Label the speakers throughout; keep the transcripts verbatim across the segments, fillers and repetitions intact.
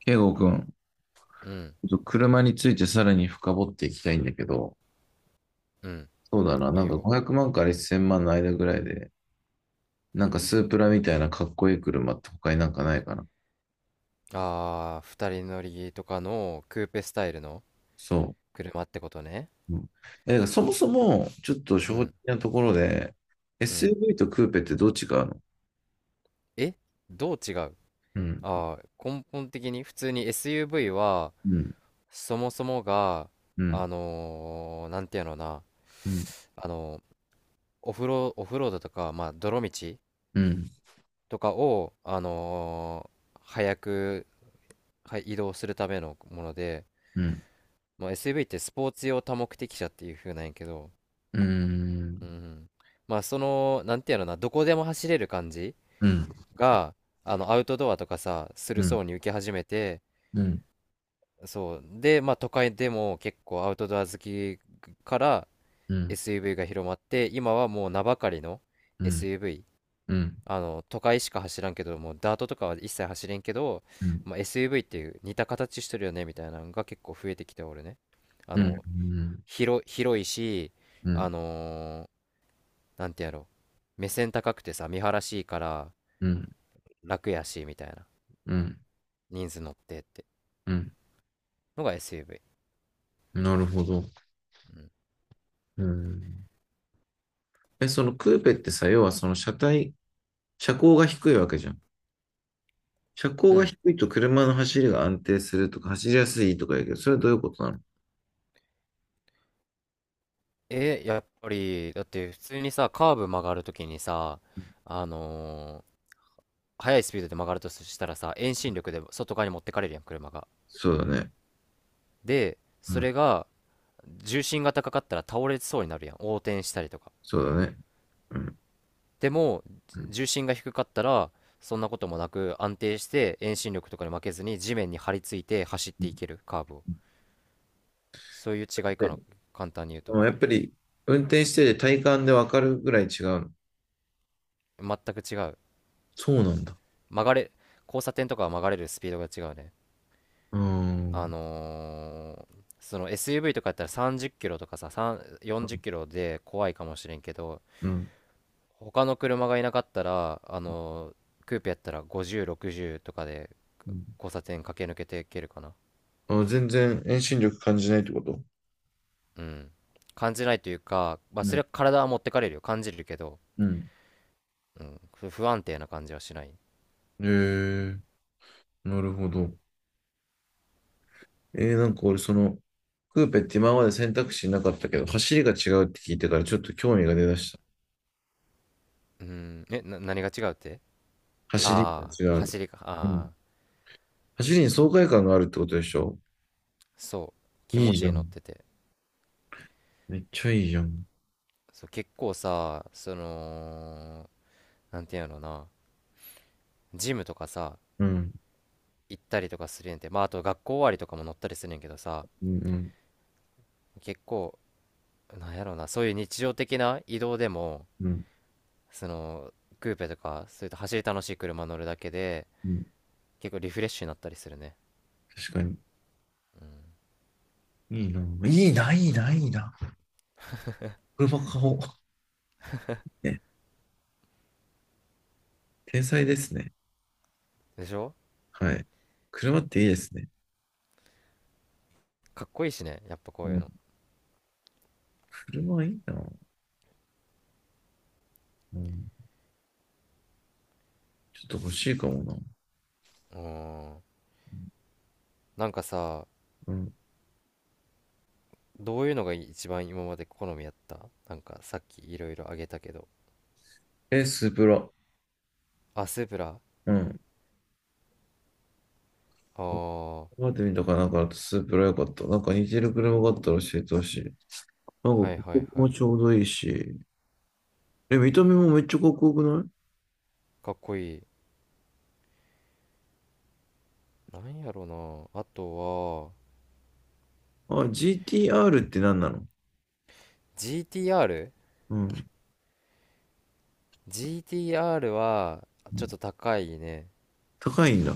Speaker 1: ケイゴくん、
Speaker 2: うん、
Speaker 1: ちょっと車についてさらに深掘っていきたいんだけど、
Speaker 2: うん、
Speaker 1: そうだな、
Speaker 2: い
Speaker 1: な
Speaker 2: い
Speaker 1: んか
Speaker 2: よ。
Speaker 1: ごひゃくまんからせんまんの間ぐらいで、なんかスープラみたいなかっこいい車って他になんかないかな。
Speaker 2: ああ、ふたりのりとかのクーペスタイルの
Speaker 1: そ
Speaker 2: 車ってことね。
Speaker 1: う。うん。えだからそもそも、ちょっと
Speaker 2: う
Speaker 1: 正直
Speaker 2: ん、
Speaker 1: なところで、
Speaker 2: うん。
Speaker 1: エスユーブイ とクーペってどっちがあるの？
Speaker 2: え、どう違う？
Speaker 1: うん。
Speaker 2: ああー、根本的に普通に エスユーブイ は、
Speaker 1: うん。
Speaker 2: そもそもが、
Speaker 1: う
Speaker 2: あ
Speaker 1: ん。
Speaker 2: のー、なんていうのな、
Speaker 1: うん。
Speaker 2: あのーオフロ、オフロードとか、まあ、泥道
Speaker 1: うん。
Speaker 2: とかを、あのー早く、はい移動するためのもので、
Speaker 1: うん。
Speaker 2: まあ、エスユーブイ ってスポーツ用多目的車っていう風なんやけど、
Speaker 1: うん。う
Speaker 2: う
Speaker 1: ん。
Speaker 2: ん。まあその、なんていうのかな、どこでも走れる感じ
Speaker 1: うん。
Speaker 2: が、あの、アウトドアとかさ、する
Speaker 1: うん。
Speaker 2: 層に受け始めて、
Speaker 1: うん。
Speaker 2: そう。で、まあ都会でも結構アウトドア好きから
Speaker 1: うん。
Speaker 2: エスユーブイ が広まって、今はもう名ばかりの
Speaker 1: うん。
Speaker 2: エスユーブイ。
Speaker 1: うん。
Speaker 2: あの、都会しか走らんけど、もうダートとかは一切走れんけど、
Speaker 1: うん。
Speaker 2: まあ、エスユーブイ っていう似た形してるよね、みたいなのが結構増えてきておるね。あ
Speaker 1: うん。う
Speaker 2: の、
Speaker 1: ん。
Speaker 2: 広、広いし、
Speaker 1: う
Speaker 2: あ
Speaker 1: ん。
Speaker 2: のーなんてやろう、目線高くてさ、見晴らしいから
Speaker 1: う
Speaker 2: 楽やし、みたいな。
Speaker 1: ん。
Speaker 2: 人数乗ってって
Speaker 1: うん。
Speaker 2: のが エスユーブイ。
Speaker 1: なるほど。
Speaker 2: うん。
Speaker 1: うん。え、そのクーペってさ、要はその車体、車高が低いわけじゃん。車高
Speaker 2: う
Speaker 1: が
Speaker 2: ん。
Speaker 1: 低いと車の走りが安定するとか、走りやすいとか言うけど、それはどういうことなの？
Speaker 2: えーやっぱり、だって普通にさ、カーブ曲がるときにさ、あのー速いスピードで曲がるとしたらさ、遠心力で外側に持ってかれるやん、車が。
Speaker 1: そうだね。
Speaker 2: で、
Speaker 1: う
Speaker 2: そ
Speaker 1: ん。
Speaker 2: れが、重心が高かったら倒れそうになるやん、横転したりとか。
Speaker 1: そうだね。うん。
Speaker 2: でも、
Speaker 1: うん。
Speaker 2: 重心が低かったら、そんなこともなく安定して遠心力とかに負けずに地面に張り付いて走っていける、カーブを。そういう違いか
Speaker 1: で、
Speaker 2: な、簡単に言う
Speaker 1: そ
Speaker 2: と。
Speaker 1: のやっぱり運転してて体感でわかるぐらい違うの？
Speaker 2: 全く違う。
Speaker 1: そうなんだ。
Speaker 2: 曲がれ交差点とかは曲がれるスピードが違うね。
Speaker 1: うー
Speaker 2: あ
Speaker 1: ん。
Speaker 2: のーその エスユーブイ とかやったらさんじゅっきろとかさ、さんじゅう
Speaker 1: う
Speaker 2: よんじゅっきろで怖いかもしれんけど、
Speaker 1: ん。
Speaker 2: 他の車がいなかったらあのークーペやったらごじゅうろくじゅうとかで
Speaker 1: うん。
Speaker 2: 交差点駆け抜けていけるかな。
Speaker 1: あ、全然遠心力感じないってこと？
Speaker 2: うん。感じないというか、まあ、
Speaker 1: う
Speaker 2: そ
Speaker 1: ん。
Speaker 2: れは体は持ってかれるよ感じるけど、
Speaker 1: うん。
Speaker 2: うん、ふ不安定な感じはしない。
Speaker 1: へえ、なるほど。えー、なんか俺その、クーペって今まで選択肢なかったけど、走りが違うって聞いてからちょっと興味が出だした。
Speaker 2: うん。えな何が違うって。
Speaker 1: 走りが
Speaker 2: ああ、
Speaker 1: 違う。
Speaker 2: 走りか。
Speaker 1: うん。
Speaker 2: ああ。
Speaker 1: 走りに爽快感があるってことでしょ？
Speaker 2: そう。気
Speaker 1: い
Speaker 2: 持
Speaker 1: いじ
Speaker 2: ちい
Speaker 1: ゃ
Speaker 2: い乗っ
Speaker 1: ん。
Speaker 2: てて。
Speaker 1: めっちゃいいじゃん。
Speaker 2: そう。結構さ、そのなんていうのな、ジムとかさ
Speaker 1: うん。
Speaker 2: 行ったりとかするんやて、まああと学校終わりとかも乗ったりするんやけどさ、
Speaker 1: うん。うん。
Speaker 2: 結構なんやろな、そういう日常的な移動でも、
Speaker 1: うん。
Speaker 2: そのクーペとかそういった走り楽しい車乗るだけで、
Speaker 1: うん。
Speaker 2: 結構リフレッシュになったりするね。
Speaker 1: 確かに。いいな。いいな、いいな、いいな。車買おう。ね。天才ですね。
Speaker 2: でしょ？
Speaker 1: はい。車っていいですね。
Speaker 2: かっこいいしね、やっぱこ
Speaker 1: う
Speaker 2: ういう
Speaker 1: ん。
Speaker 2: の。
Speaker 1: 車いいな。うん。ちょっと欲しいかもな。
Speaker 2: うーんなんかさ、
Speaker 1: うん。
Speaker 2: どういうのが一番今まで好みやった？なんかさっきいろいろあげたけど。
Speaker 1: え、スープラ。
Speaker 2: あ、スープラ。
Speaker 1: うん。
Speaker 2: ああ、は
Speaker 1: 待ってみたかなんかだとスープラ良かった。なんか似てる車があったら教えてほしい。なんか
Speaker 2: いは
Speaker 1: こ
Speaker 2: いはい。
Speaker 1: こもちょうどいいし。え、見た目もめっちゃかっこよくない？
Speaker 2: かっこいい。なんやろな。あとは、
Speaker 1: あ、ジーティーアール って何なの？
Speaker 2: ジーティーアール?ジーティーアール
Speaker 1: うん。
Speaker 2: は、ちょっと高いね。
Speaker 1: 高いんだ。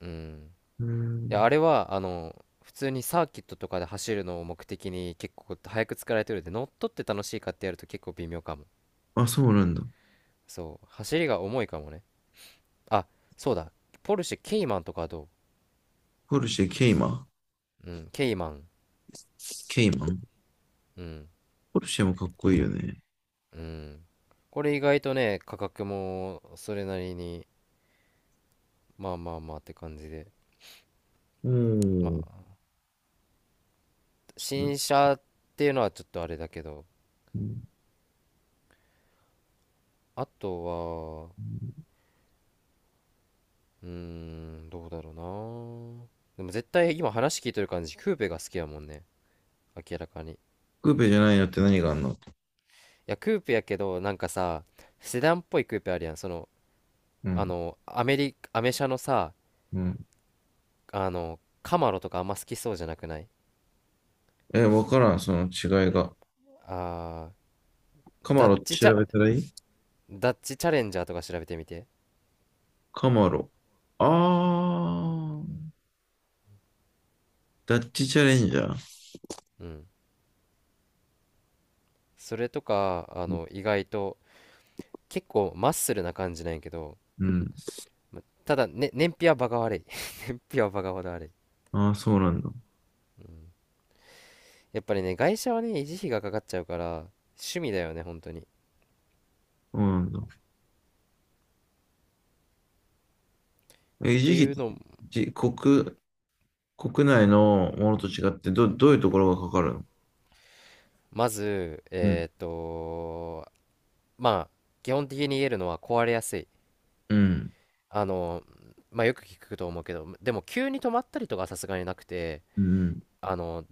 Speaker 2: うん。
Speaker 1: う
Speaker 2: いや、
Speaker 1: ん。
Speaker 2: あれは、あの、普通にサーキットとかで走るのを目的に結構早く作られてるんで、乗っ取って楽しいかってやると結構微妙かも。
Speaker 1: あ、そうなんだ。
Speaker 2: そう。走りが重いかもね。あ、そうだ。ポルシェケイマンとかはどう？
Speaker 1: ポルシェ、ケイマ
Speaker 2: うん、ケイマン。
Speaker 1: ケイマン
Speaker 2: うん、
Speaker 1: ポルシェもかっこいいよね。
Speaker 2: うん。これ意外とね、価格もそれなりに。まあまあまあって感じで。
Speaker 1: う
Speaker 2: ま
Speaker 1: ん。
Speaker 2: あ、新車っていうのはちょっとあれだけど、あとは、うーん、どうだろうな。でも絶対今話聞いとる感じ、クーペが好きやもんね。明らかに。い
Speaker 1: クーペじゃないのって何があんの？
Speaker 2: や、クーペやけど、なんかさ、セダンっぽいクーペあるやん。その、
Speaker 1: う
Speaker 2: あ
Speaker 1: ん。
Speaker 2: の、アメリ、アメ車のさ、
Speaker 1: うん。
Speaker 2: あの、カマロとかあんま好きそうじゃなくない？
Speaker 1: え、わからん、その違いが。
Speaker 2: あー、
Speaker 1: カマ
Speaker 2: ダッ
Speaker 1: ロって
Speaker 2: チチ
Speaker 1: 調
Speaker 2: ャ、
Speaker 1: べたらいい？
Speaker 2: ダッチチャレンジャーとか調べてみて。
Speaker 1: カマロ。あー。ダッチチャレンジャー。
Speaker 2: うん。それとか、あの、意外と、結構マッスルな感じなんやけど、
Speaker 1: うん。
Speaker 2: まただ、ね、燃費はバカ悪い。燃費はバカほど悪い。
Speaker 1: ああ、そうなんだ。
Speaker 2: うん。やっぱりね、外車はね、維持費がかかっちゃうから、趣味だよね、本当に。っ
Speaker 1: そうなんだ。え、維持
Speaker 2: て
Speaker 1: 費っ
Speaker 2: い
Speaker 1: て
Speaker 2: うのを、
Speaker 1: じ、国、国内のものと違って、ど、どういうところがかかるの？
Speaker 2: まず、
Speaker 1: うん。
Speaker 2: えーっと、まあ、基本的に言えるのは壊れやすい。
Speaker 1: うん。
Speaker 2: あの、まあ、よく聞くと思うけど、でも急に止まったりとかはさすがになくて、
Speaker 1: うん。
Speaker 2: あの、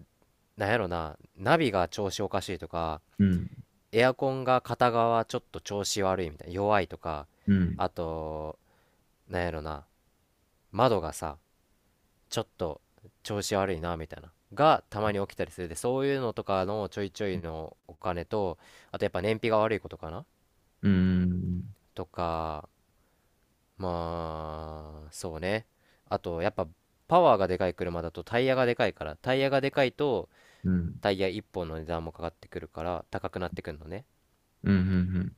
Speaker 2: なんやろな、ナビが調子おかしいとか、
Speaker 1: うん。
Speaker 2: エアコンが片側ちょっと調子悪いみたいな、弱いとか、
Speaker 1: うん。
Speaker 2: あと、なんやろな、窓がさちょっと調子悪いなみたいながたまに起きたりするで、そういうのとかのちょいちょいのお金と、あとやっぱ燃費が悪いことかな
Speaker 1: うん。
Speaker 2: とか。まあそうね。あとやっぱパワーがでかい車だと、タイヤがでかいからタイヤがでかいと
Speaker 1: うん。うん。
Speaker 2: タイヤいっぽんの値段もかかってくるから高くなってくるのね。
Speaker 1: うん。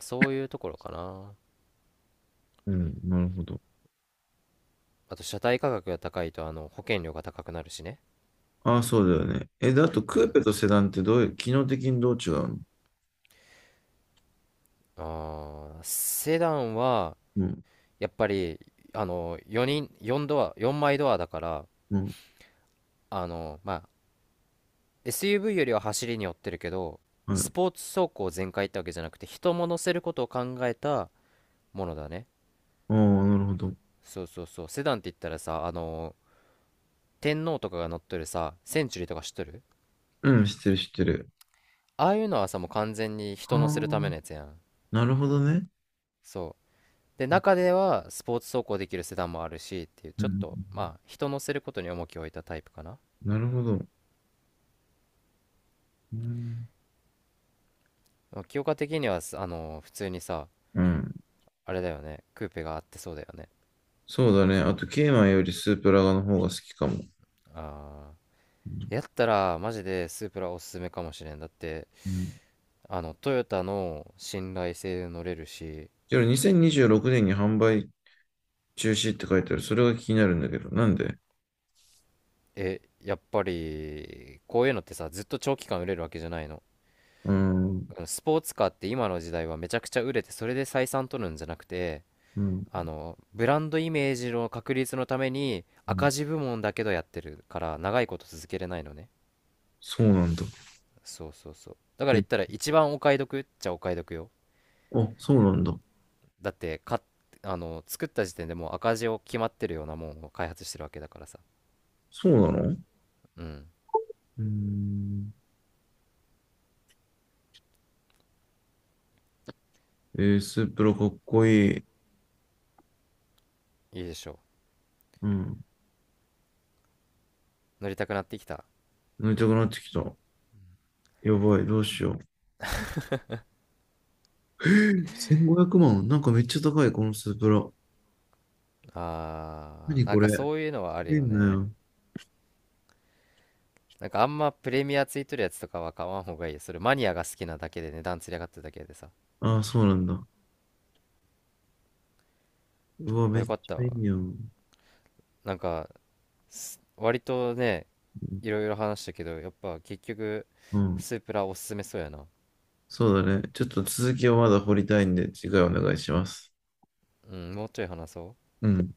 Speaker 2: そういうところかな。
Speaker 1: うん。なるほど。
Speaker 2: あと車体価格が高いと、あの保険料が高くなるしね。
Speaker 1: ああ、そうだよね。え、であと、
Speaker 2: う
Speaker 1: クー
Speaker 2: ん。
Speaker 1: ペとセダンってどういう、機能的にどう違うの？
Speaker 2: あーセダンは
Speaker 1: うん。
Speaker 2: やっぱり、あのよにん、よんドア、よんまいドアだから、
Speaker 1: うん。
Speaker 2: あのまあ エスユーブイ よりは走りに寄ってるけど、
Speaker 1: は
Speaker 2: ス
Speaker 1: い。
Speaker 2: ポーツ走行全開ってわけじゃなくて、人も乗せることを考えたものだね。
Speaker 1: ああ、なるほど。
Speaker 2: そうそうそう、セダンって言ったらさ、あの天皇とかが乗っとるさ、センチュリーとか知っとる？
Speaker 1: うん、知ってる、知ってる。
Speaker 2: ああいうのはさ、もう完全に
Speaker 1: あ
Speaker 2: 人乗せるため
Speaker 1: あ、
Speaker 2: のやつやん。
Speaker 1: なるほどね。
Speaker 2: そう。で、中ではスポーツ走行できるセダンもあるしっていう、
Speaker 1: う
Speaker 2: ちょっ
Speaker 1: ん。
Speaker 2: とまあ人乗せることに重きを置いたタイプかな。
Speaker 1: なるほど。うん。
Speaker 2: まあ清香的には、すあの普通にさ、
Speaker 1: うん。
Speaker 2: あれだよね。クーペがあってそうだよね。
Speaker 1: そうだね。あと、ケイマンよりスープラガの方が好きかも。
Speaker 2: あーやったら、マジでスープラおすすめかもしれん。だって、
Speaker 1: うん。
Speaker 2: あの、トヨタの信頼性乗れるし、
Speaker 1: けど、にせんにじゅうろくねんにじゅうろくねんに販売中止って書いてある。それが気になるんだけど、なんで？
Speaker 2: え、やっぱり、こういうのってさ、ずっと長期間売れるわけじゃないの。
Speaker 1: うーん。
Speaker 2: あのスポーツカーって今の時代はめちゃくちゃ売れて、それで採算取るんじゃなくて、
Speaker 1: うん。
Speaker 2: あの、ブランドイメージの確立のために、
Speaker 1: うん。
Speaker 2: 赤字部門だけどやってるから、長いこと続けれないのね。
Speaker 1: そうなんだ。
Speaker 2: そうそうそう。だから言
Speaker 1: へ、
Speaker 2: ったら、一番お買い得っちゃお買い得よ。
Speaker 1: あ、そうなんだ。
Speaker 2: だってかあの作った時点でもう赤字を決まってるようなもんを開発してるわけだからさ。
Speaker 1: そうなの？う
Speaker 2: うん。
Speaker 1: ーん。えー、スープラかっこいい。
Speaker 2: いいでしょ
Speaker 1: うん。
Speaker 2: う？乗りたくなってきた。
Speaker 1: 飲みたくなってきた。やばい、どうしよう。えーせんごひゃくまん。なんかめっちゃ高い、このスープラ。
Speaker 2: あ
Speaker 1: 何
Speaker 2: ーなん
Speaker 1: これ。
Speaker 2: か
Speaker 1: す
Speaker 2: そういうのはある
Speaker 1: げえ
Speaker 2: よ
Speaker 1: んだ
Speaker 2: ね。
Speaker 1: よ。
Speaker 2: なんかあんまプレミアついてるやつとかは買わん方がいい。それマニアが好きなだけで値段つり上がってるだけでさ。
Speaker 1: ああ、そうなんだ。うわ、
Speaker 2: ま
Speaker 1: め
Speaker 2: あ
Speaker 1: っ
Speaker 2: よ
Speaker 1: ち
Speaker 2: かった
Speaker 1: ゃい
Speaker 2: わ。
Speaker 1: いやん。
Speaker 2: なんか、す割とね、いろいろ話したけどやっぱ結局
Speaker 1: うん。
Speaker 2: スープラおすすめそうやな。
Speaker 1: そうだね。ちょっと続きをまだ掘りたいんで、次回お願いします。
Speaker 2: うん、もうちょい話そう。
Speaker 1: うん。